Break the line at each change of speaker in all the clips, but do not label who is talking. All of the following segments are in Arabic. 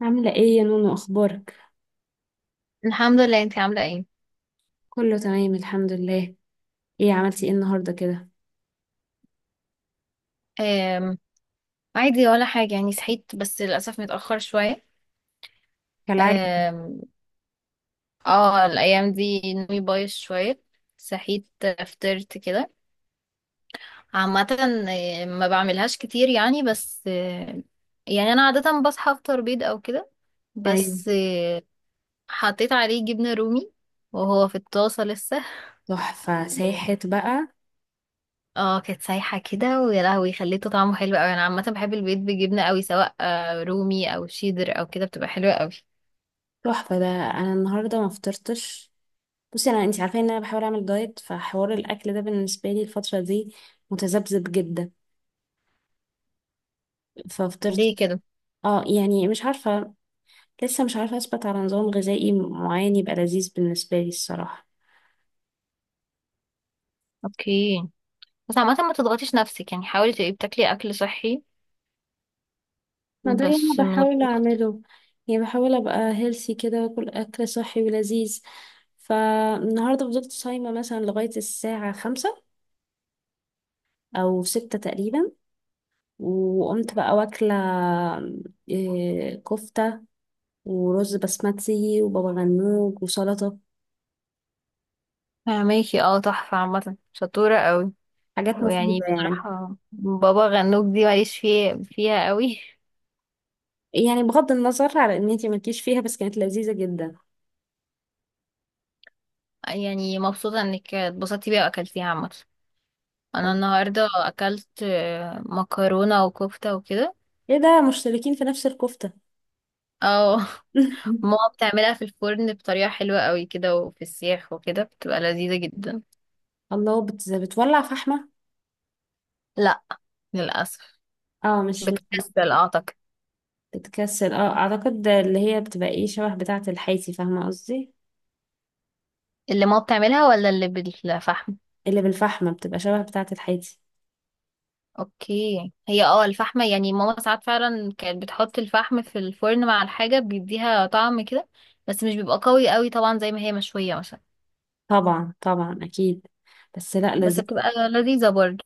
عاملة ايه يا نونو؟ اخبارك؟
الحمد لله، انتي عاملة ايه؟
كله تمام الحمد لله. ايه عملتي ايه النهاردة كده؟
أم عادي ولا حاجة، يعني صحيت بس للأسف متأخر شوية. أم اه الأيام دي نومي بايظ شوية. صحيت، فطرت كده. عامة ما بعملهاش كتير يعني، بس يعني أنا عادة بصحى أفطر بيض أو كده،
ايوه،
بس حطيت عليه جبنة رومي وهو في الطاسة لسه.
تحفة ساحت بقى.
اه، كانت سايحة كده، ويا لهوي خليته طعمه حلو أوي. أنا عامة بحب البيض بجبنة أوي، سواء رومي أو شيدر أو كده، بتبقى حلوة أوي.
تحفة. ده انا النهاردة ما فطرتش. بصي، انا انتي عارفة ان انا بحاول اعمل دايت، فحوار الاكل ده بالنسبة لي الفترة دي متذبذب جدا. ففطرت.
ليه كده؟
اه يعني مش عارفة، لسه مش عارفة اثبت على نظام غذائي معين يبقى لذيذ بالنسبة لي الصراحة.
اوكي، بس عامة ما تضغطيش نفسك، يعني حاولي تبقي بتاكلي اكل صحي،
ما ده اللي انا
بس من
بحاول
غير ضغط.
اعمله. يعني بحاول ابقى هيلثي كده واكل اكل صحي ولذيذ. فالنهارده فضلت صايمه مثلا لغايه الساعه 5 او 6 تقريبا، وقمت بقى واكله كفته ورز بسمتي وبابا غنوج وسلطه.
فهماكي، اه، تحفة، عامة شطورة قوي.
حاجات
ويعني
مفيده يعني.
بصراحة بابا غنوج دي ماليش فيها قوي.
يعني بغض النظر على ان انتي مالكيش فيها، بس كانت لذيذه جدا.
يعني مبسوطة انك اتبسطتي بيها واكلتيها. عامة انا النهاردة اكلت مكرونة وكفتة وكده.
ايه ده، مشتركين في نفس الكفته؟
اه. ماما بتعملها في الفرن بطريقة حلوة قوي كده، وفي السياخ وكده، بتبقى لذيذة جدا.
الله، بتولع فحمه؟
لا، للأسف
اه، مش
بتكسل اعتقد.
بتكسل اه اعتقد، اللي هي بتبقى ايه شبه بتاعة الحيتي، فاهمة قصدي؟
اللي ماما بتعملها ولا اللي بالفحم؟
اللي بالفحمة بتبقى شبه بتاعة الحيتي.
اوكي، هي اه الفحمة، يعني ماما ساعات فعلا كانت بتحط الفحم في الفرن مع الحاجة، بيديها طعم كده، بس مش بيبقى قوي قوي طبعا زي ما هي مشوية مثلا.
طبعا طبعا اكيد. بس لا،
بس
لذيذ.
بتبقى لذيذة برضه.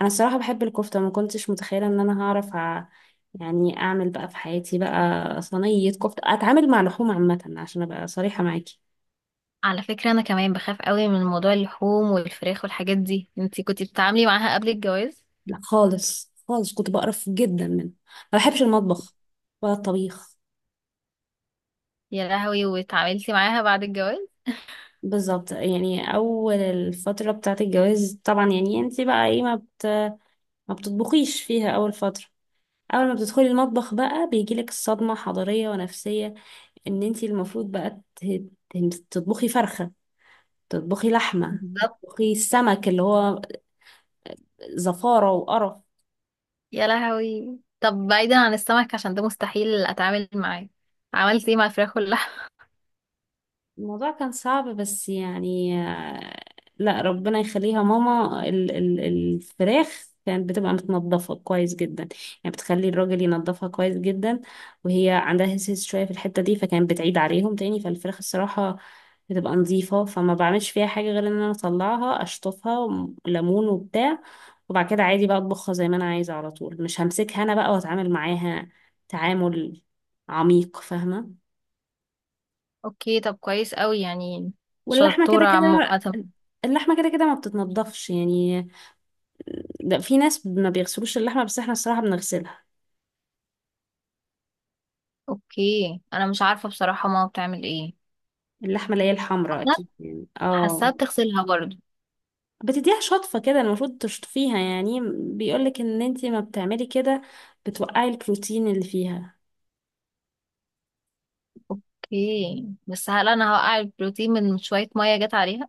انا الصراحة بحب الكفتة. ما كنتش متخيلة ان انا هعرف يعني اعمل بقى في حياتي بقى صينية كفتة، اتعامل مع لحوم عامة، عشان ابقى صريحة معاكي.
على فكرة انا كمان بخاف قوي من موضوع اللحوم والفراخ والحاجات دي. انتي كنتي بتتعاملي معاها قبل الجواز؟
لا خالص خالص، كنت بقرف جدا منه. ما بحبش المطبخ ولا الطبيخ.
يا لهوي، واتعاملتي معاها بعد الجواز؟
بالظبط. يعني اول الفترة بتاعة الجواز طبعا، يعني انت بقى ايه، ما بتطبخيش فيها اول فترة. اول ما بتدخلي المطبخ بقى بيجيلك الصدمة حضارية ونفسية، ان انتي المفروض بقى تطبخي فرخة، تطبخي لحمة،
بالظبط.
تطبخي السمك اللي هو زفارة وقرف.
يا لهوي، طب بعيدا عن السمك عشان ده مستحيل اتعامل معاه، عملتي ايه مع الفراخ؟
الموضوع كان صعب بس يعني لا ربنا يخليها ماما، ال الفراخ كانت بتبقى متنضفة كويس جدا. يعني بتخلي الراجل ينضفها كويس جدا، وهي عندها هس هس شوية في الحتة دي، فكانت بتعيد عليهم تاني. فالفراخ الصراحة بتبقى نظيفة، فما بعملش فيها حاجة غير ان انا اطلعها اشطفها ليمون وبتاع، وبعد كده عادي بقى اطبخها زي ما انا عايزة على طول، مش همسكها انا بقى واتعامل معاها تعامل عميق، فاهمة؟
اوكي، طب كويس قوي يعني.
واللحمة كده
شطورة عامة.
كده، اللحمة كده كده ما بتتنضفش يعني. ده في ناس ما بيغسلوش اللحمة، بس احنا الصراحة بنغسلها.
اوكي، انا مش عارفة بصراحة ماما بتعمل ايه.
اللحمة اللي هي الحمراء
حاساها،
أكيد يعني
حاساها
اه.
بتغسلها برضو.
بتديها شطفة كده، المفروض تشطفيها يعني. بيقولك ان انتي ما بتعملي كده بتوقعي البروتين اللي فيها.
اوكي، بس هل انا هوقع البروتين من شوية مية جت عليها؟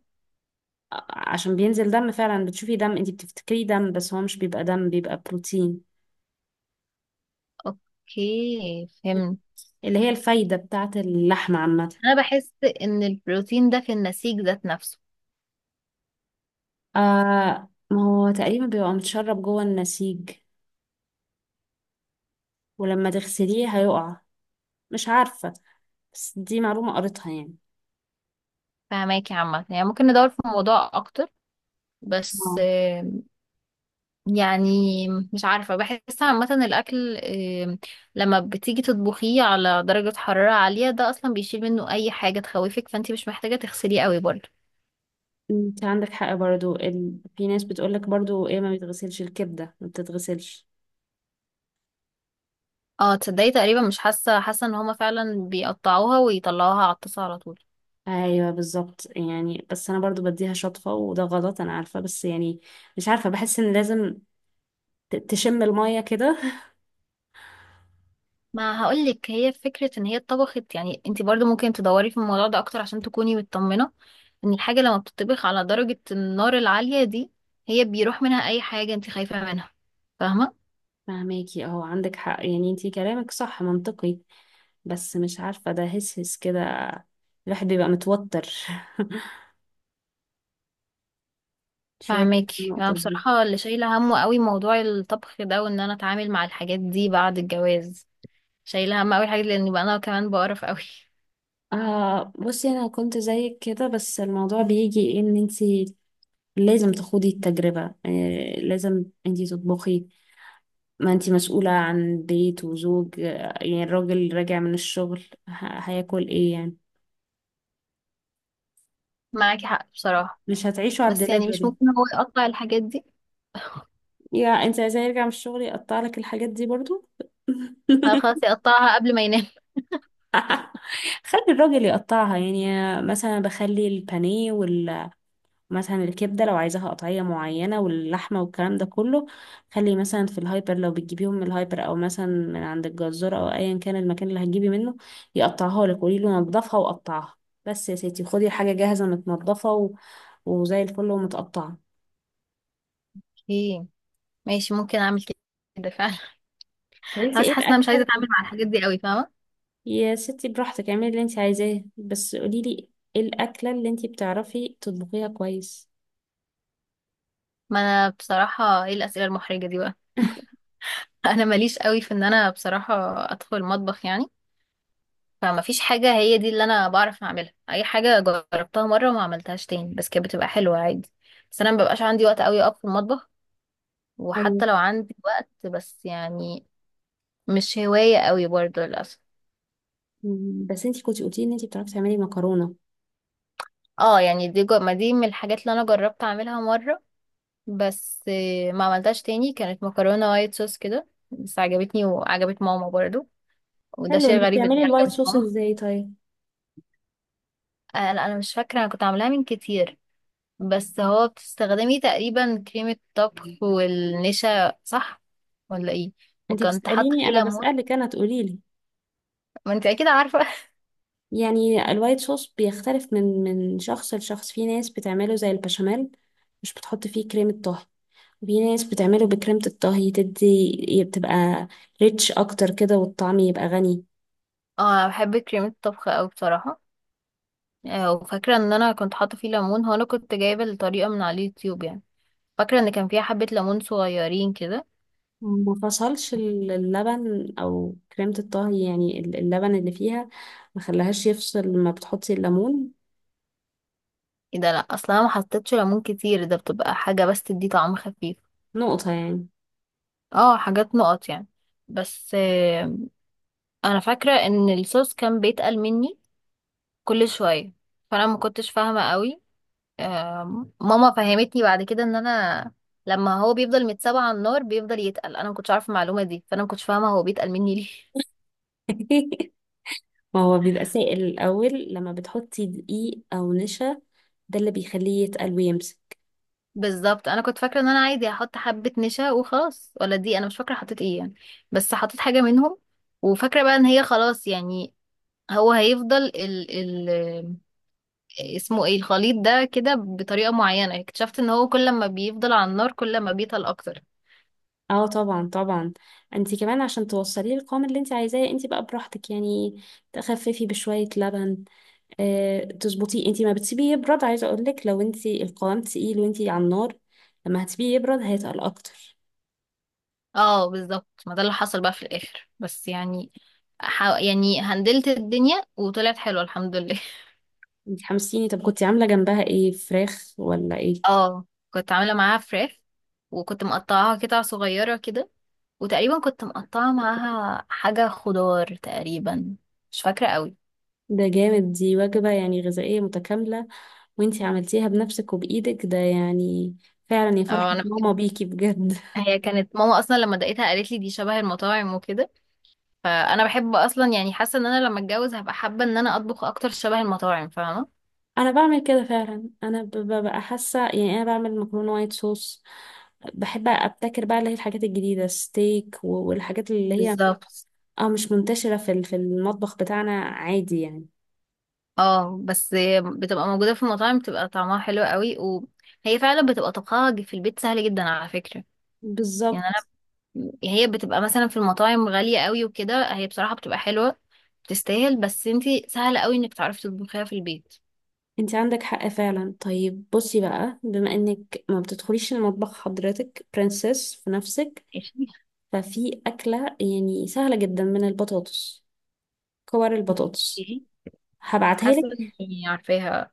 عشان بينزل دم فعلا، بتشوفي دم انتي بتفتكريه دم، بس هو مش بيبقى دم، بيبقى بروتين،
اوكي، فهمت.
اللي هي الفايدة بتاعة اللحمة عامة.
انا بحس ان البروتين ده في النسيج ذات نفسه.
آه، ما هو تقريبا بيبقى متشرب جوه النسيج، ولما تغسليه هيقع. مش عارفة، بس دي معلومة قريتها يعني.
فهماكي، عامة يعني ممكن ندور في الموضوع اكتر، بس
اه،
يعني مش عارفة. بحس عامة الأكل، لما بتيجي تطبخيه على درجة حرارة عالية، ده أصلا بيشيل منه أي حاجة تخوفك، فانتي مش محتاجة تغسليه قوي برضه.
انت عندك حق برضو. في ناس بتقولك برضو ايه، ما بيتغسلش الكبدة، ما بتتغسلش.
اه، تصدقي تقريبا مش حاسة ان هما فعلا بيقطعوها ويطلعوها على الطاسة على طول.
ايوه بالظبط يعني، بس انا برضو بديها شطفة، وده غلط انا عارفة، بس يعني مش عارفة بحس ان لازم تشم المية كده.
ما هقولك، هي فكرة ان هي اتطبخت. يعني انتي برضه ممكن تدوري في الموضوع ده أكتر، عشان تكوني مطمنة ان الحاجة لما بتطبخ على درجة النار العالية دي، هي بيروح منها أي حاجة انتي خايفة منها. فاهمة؟
فهماكي، اهو عندك حق يعني، انتي كلامك صح منطقي، بس مش عارفة، ده هس هس كده، الواحد بيبقى متوتر شوية. في
فاهماكي. انا
النقطة دي،
بصراحه اللي شايله همه قوي موضوع الطبخ ده، وان انا اتعامل مع الحاجات دي بعد الجواز. شايله هم قوي حاجه، لان بقى انا كمان بقرف قوي.
آه بصي انا كنت زيك كده، بس الموضوع بيجي ان انتي لازم تخوضي التجربة، آه لازم انتي تطبخي. ما انتي مسؤولة عن بيت وزوج، يعني الراجل راجع من الشغل هياكل ايه يعني؟
معاكي حق بصراحه.
مش هتعيشوا على
بس يعني مش
الدليفري.
ممكن هو يقطع الحاجات دي؟
يا انتي عايزاه يرجع من الشغل يقطع لك الحاجات دي برضو؟
آه، خلاص يقطعها قبل ما ينام.
خلي الراجل يقطعها يعني. مثلا بخلي البانيه، مثلا الكبدة لو عايزاها قطعية معينة، واللحمة والكلام ده كله، خلي مثلا في الهايبر لو بتجيبيهم من الهايبر، أو مثلا من عند الجزار، أو أيا كان المكان اللي هتجيبي منه، يقطعها لك. قولي له نضفها وقطعها. بس يا ستي خدي حاجة جاهزة متنضفة وزي الفل ومتقطعة.
اوكي، ماشي، ممكن اعمل كده فعلا.
طب انتي
بس
ايه
حاسه ان انا مش عايزه
الأكلة؟
اتعامل مع الحاجات دي قوي، فاهمه.
يا ستي براحتك، اعملي اللي انتي عايزاه، بس قوليلي ايه الأكلة اللي انتي بتعرفي تطبخيها كويس؟
ما انا بصراحه، ايه الاسئله المحرجه دي بقى؟ انا ماليش قوي في ان انا بصراحه ادخل المطبخ يعني. فما فيش حاجة هي دي اللي انا بعرف اعملها. اي حاجة جربتها مرة وما عملتهاش تاني، بس كانت بتبقى حلوة عادي. بس انا مببقاش عندي وقت قوي اقف في المطبخ،
ايوه.
وحتى لو عندي وقت، بس يعني مش هواية قوي برضو للأسف.
بس انتي كنتي قلتي ان انتي بتعرفي تعملي مكرونة.
اه، يعني دي ما دي من الحاجات اللي انا جربت اعملها مرة، بس ما عملتهاش تاني. كانت مكرونة وايت صوص كده، بس عجبتني وعجبت ماما برضو، وده
حلو،
شيء
انتي
غريب ان هي
بتعملي الوايت
عجبت
صوص
ماما.
ازاي طيب؟
آه لا، انا مش فاكرة، انا كنت عاملاها من كتير. بس هو بتستخدمي تقريبا كريمة طبخ والنشا، صح ولا ايه؟
انتي
وكنت حاطة
بتسأليني؟
فيه
انا
ليمون.
بسألك انا، تقوليلي.
ما انت اكيد عارفة.
يعني الوايت صوص بيختلف من شخص لشخص. في ناس بتعمله زي البشاميل، مش بتحط فيه كريمة طهي، وفي ناس بتعمله بكريمة الطهي، تدي بتبقى ريتش اكتر كده، والطعم يبقى غني.
اه، أنا بحب كريمة الطبخ اوي بصراحة. وفاكرة ان انا كنت حاطة فيه ليمون. هو انا كنت جايبة الطريقة من على اليوتيوب يعني، فاكرة ان كان فيها حبة ليمون صغيرين كده.
ما فصلش اللبن او كريمة الطهي، يعني اللبن اللي فيها ما خلاهاش يفصل ما بتحطي الليمون؟
ايه ده، لا اصلا انا ما حطيتش ليمون كتير. ده بتبقى حاجة بس تدي طعم خفيف.
نقطة يعني.
اه، حاجات نقط يعني. بس انا فاكرة ان الصوص كان بيتقل مني كل شوية، فانا ما كنتش فاهمة قوي. ماما فهمتني بعد كده ان انا لما هو بيفضل متسابع على النار بيفضل يتقل. انا ما كنتش عارفه المعلومه دي، فانا ما كنتش فاهمه هو بيتقل مني ليه.
ما هو بيبقى سائل الأول، لما بتحطي دقيق أو نشا، ده اللي بيخليه يتقل ويمسك.
بالظبط. انا كنت فاكره ان انا عادي هحط حبه نشا وخلاص، ولا دي انا مش فاكره حطيت ايه يعني، بس حطيت حاجه منهم. وفاكره بقى ان هي خلاص يعني، هو هيفضل ال اسمه ايه الخليط ده كده بطريقه معينه. اكتشفت ان هو كل ما بيفضل على النار، كل ما بيتقل اكتر.
اه طبعا طبعا. انتي كمان عشان توصليه القوام اللي انتي عايزاه، انتي بقى براحتك يعني، تخففي بشوية لبن، اه تظبطيه. انتي ما بتسيبيه يبرد. عايزة اقولك لو انتي القوام تقيل وانتي على النار، لما هتسيبيه يبرد هيتقل اكتر.
اه، بالظبط، ما ده اللي حصل بقى في الاخر. بس يعني يعني هندلت الدنيا وطلعت حلوه الحمد لله.
انتي حمسيني. طب كنتي عاملة جنبها ايه، فراخ ولا ايه؟
اه، كنت عامله معاها فراخ، وكنت مقطعاها قطع صغيره كده، وتقريبا كنت مقطعه معاها حاجه خضار تقريبا، مش فاكره قوي.
ده جامد. دي وجبة يعني غذائية متكاملة، وانتي عملتيها بنفسك وبإيدك، ده يعني فعلا يا فرحة
اه، انا بحب.
ماما بيكي بجد.
هي كانت ماما اصلا لما دقيتها قالت لي دي شبه المطاعم وكده، فانا بحب اصلا يعني. حاسه ان انا لما اتجوز هبقى حابه ان انا اطبخ اكتر شبه المطاعم، فاهمه؟
انا بعمل كده فعلا. انا ببقى حاسة يعني انا بعمل مكرونة وايت صوص، بحب ابتكر بقى اللي هي الحاجات الجديدة، ستيك والحاجات اللي هي
بالظبط.
اه مش منتشرة في في المطبخ بتاعنا، عادي يعني.
اه، بس بتبقى موجودة في المطاعم، بتبقى طعمها حلو قوي. وهي فعلا بتبقى طبخها في البيت سهل جدا على فكرة. يعني انا،
بالظبط،
هي بتبقى مثلا في المطاعم غالية قوي وكده، هي بصراحة بتبقى حلوة، بتستاهل، بس انتي سهل قوي انك تعرفي تطبخيها في البيت.
انت عندك حق فعلا. طيب بصي بقى، بما انك ما بتدخليش المطبخ حضرتك، برنسس في نفسك،
ايش؟
ففي أكلة يعني سهلة جدا من البطاطس، كور البطاطس،
احكيلي.
هبعتها لك.
حاسة اني عارفاها.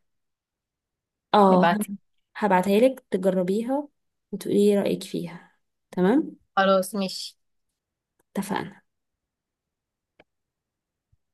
اه،
ابعتي.
هبعتها لك تجربيها وتقولي لي رأيك فيها. تمام؟
خلاص، ماشي.
اتفقنا.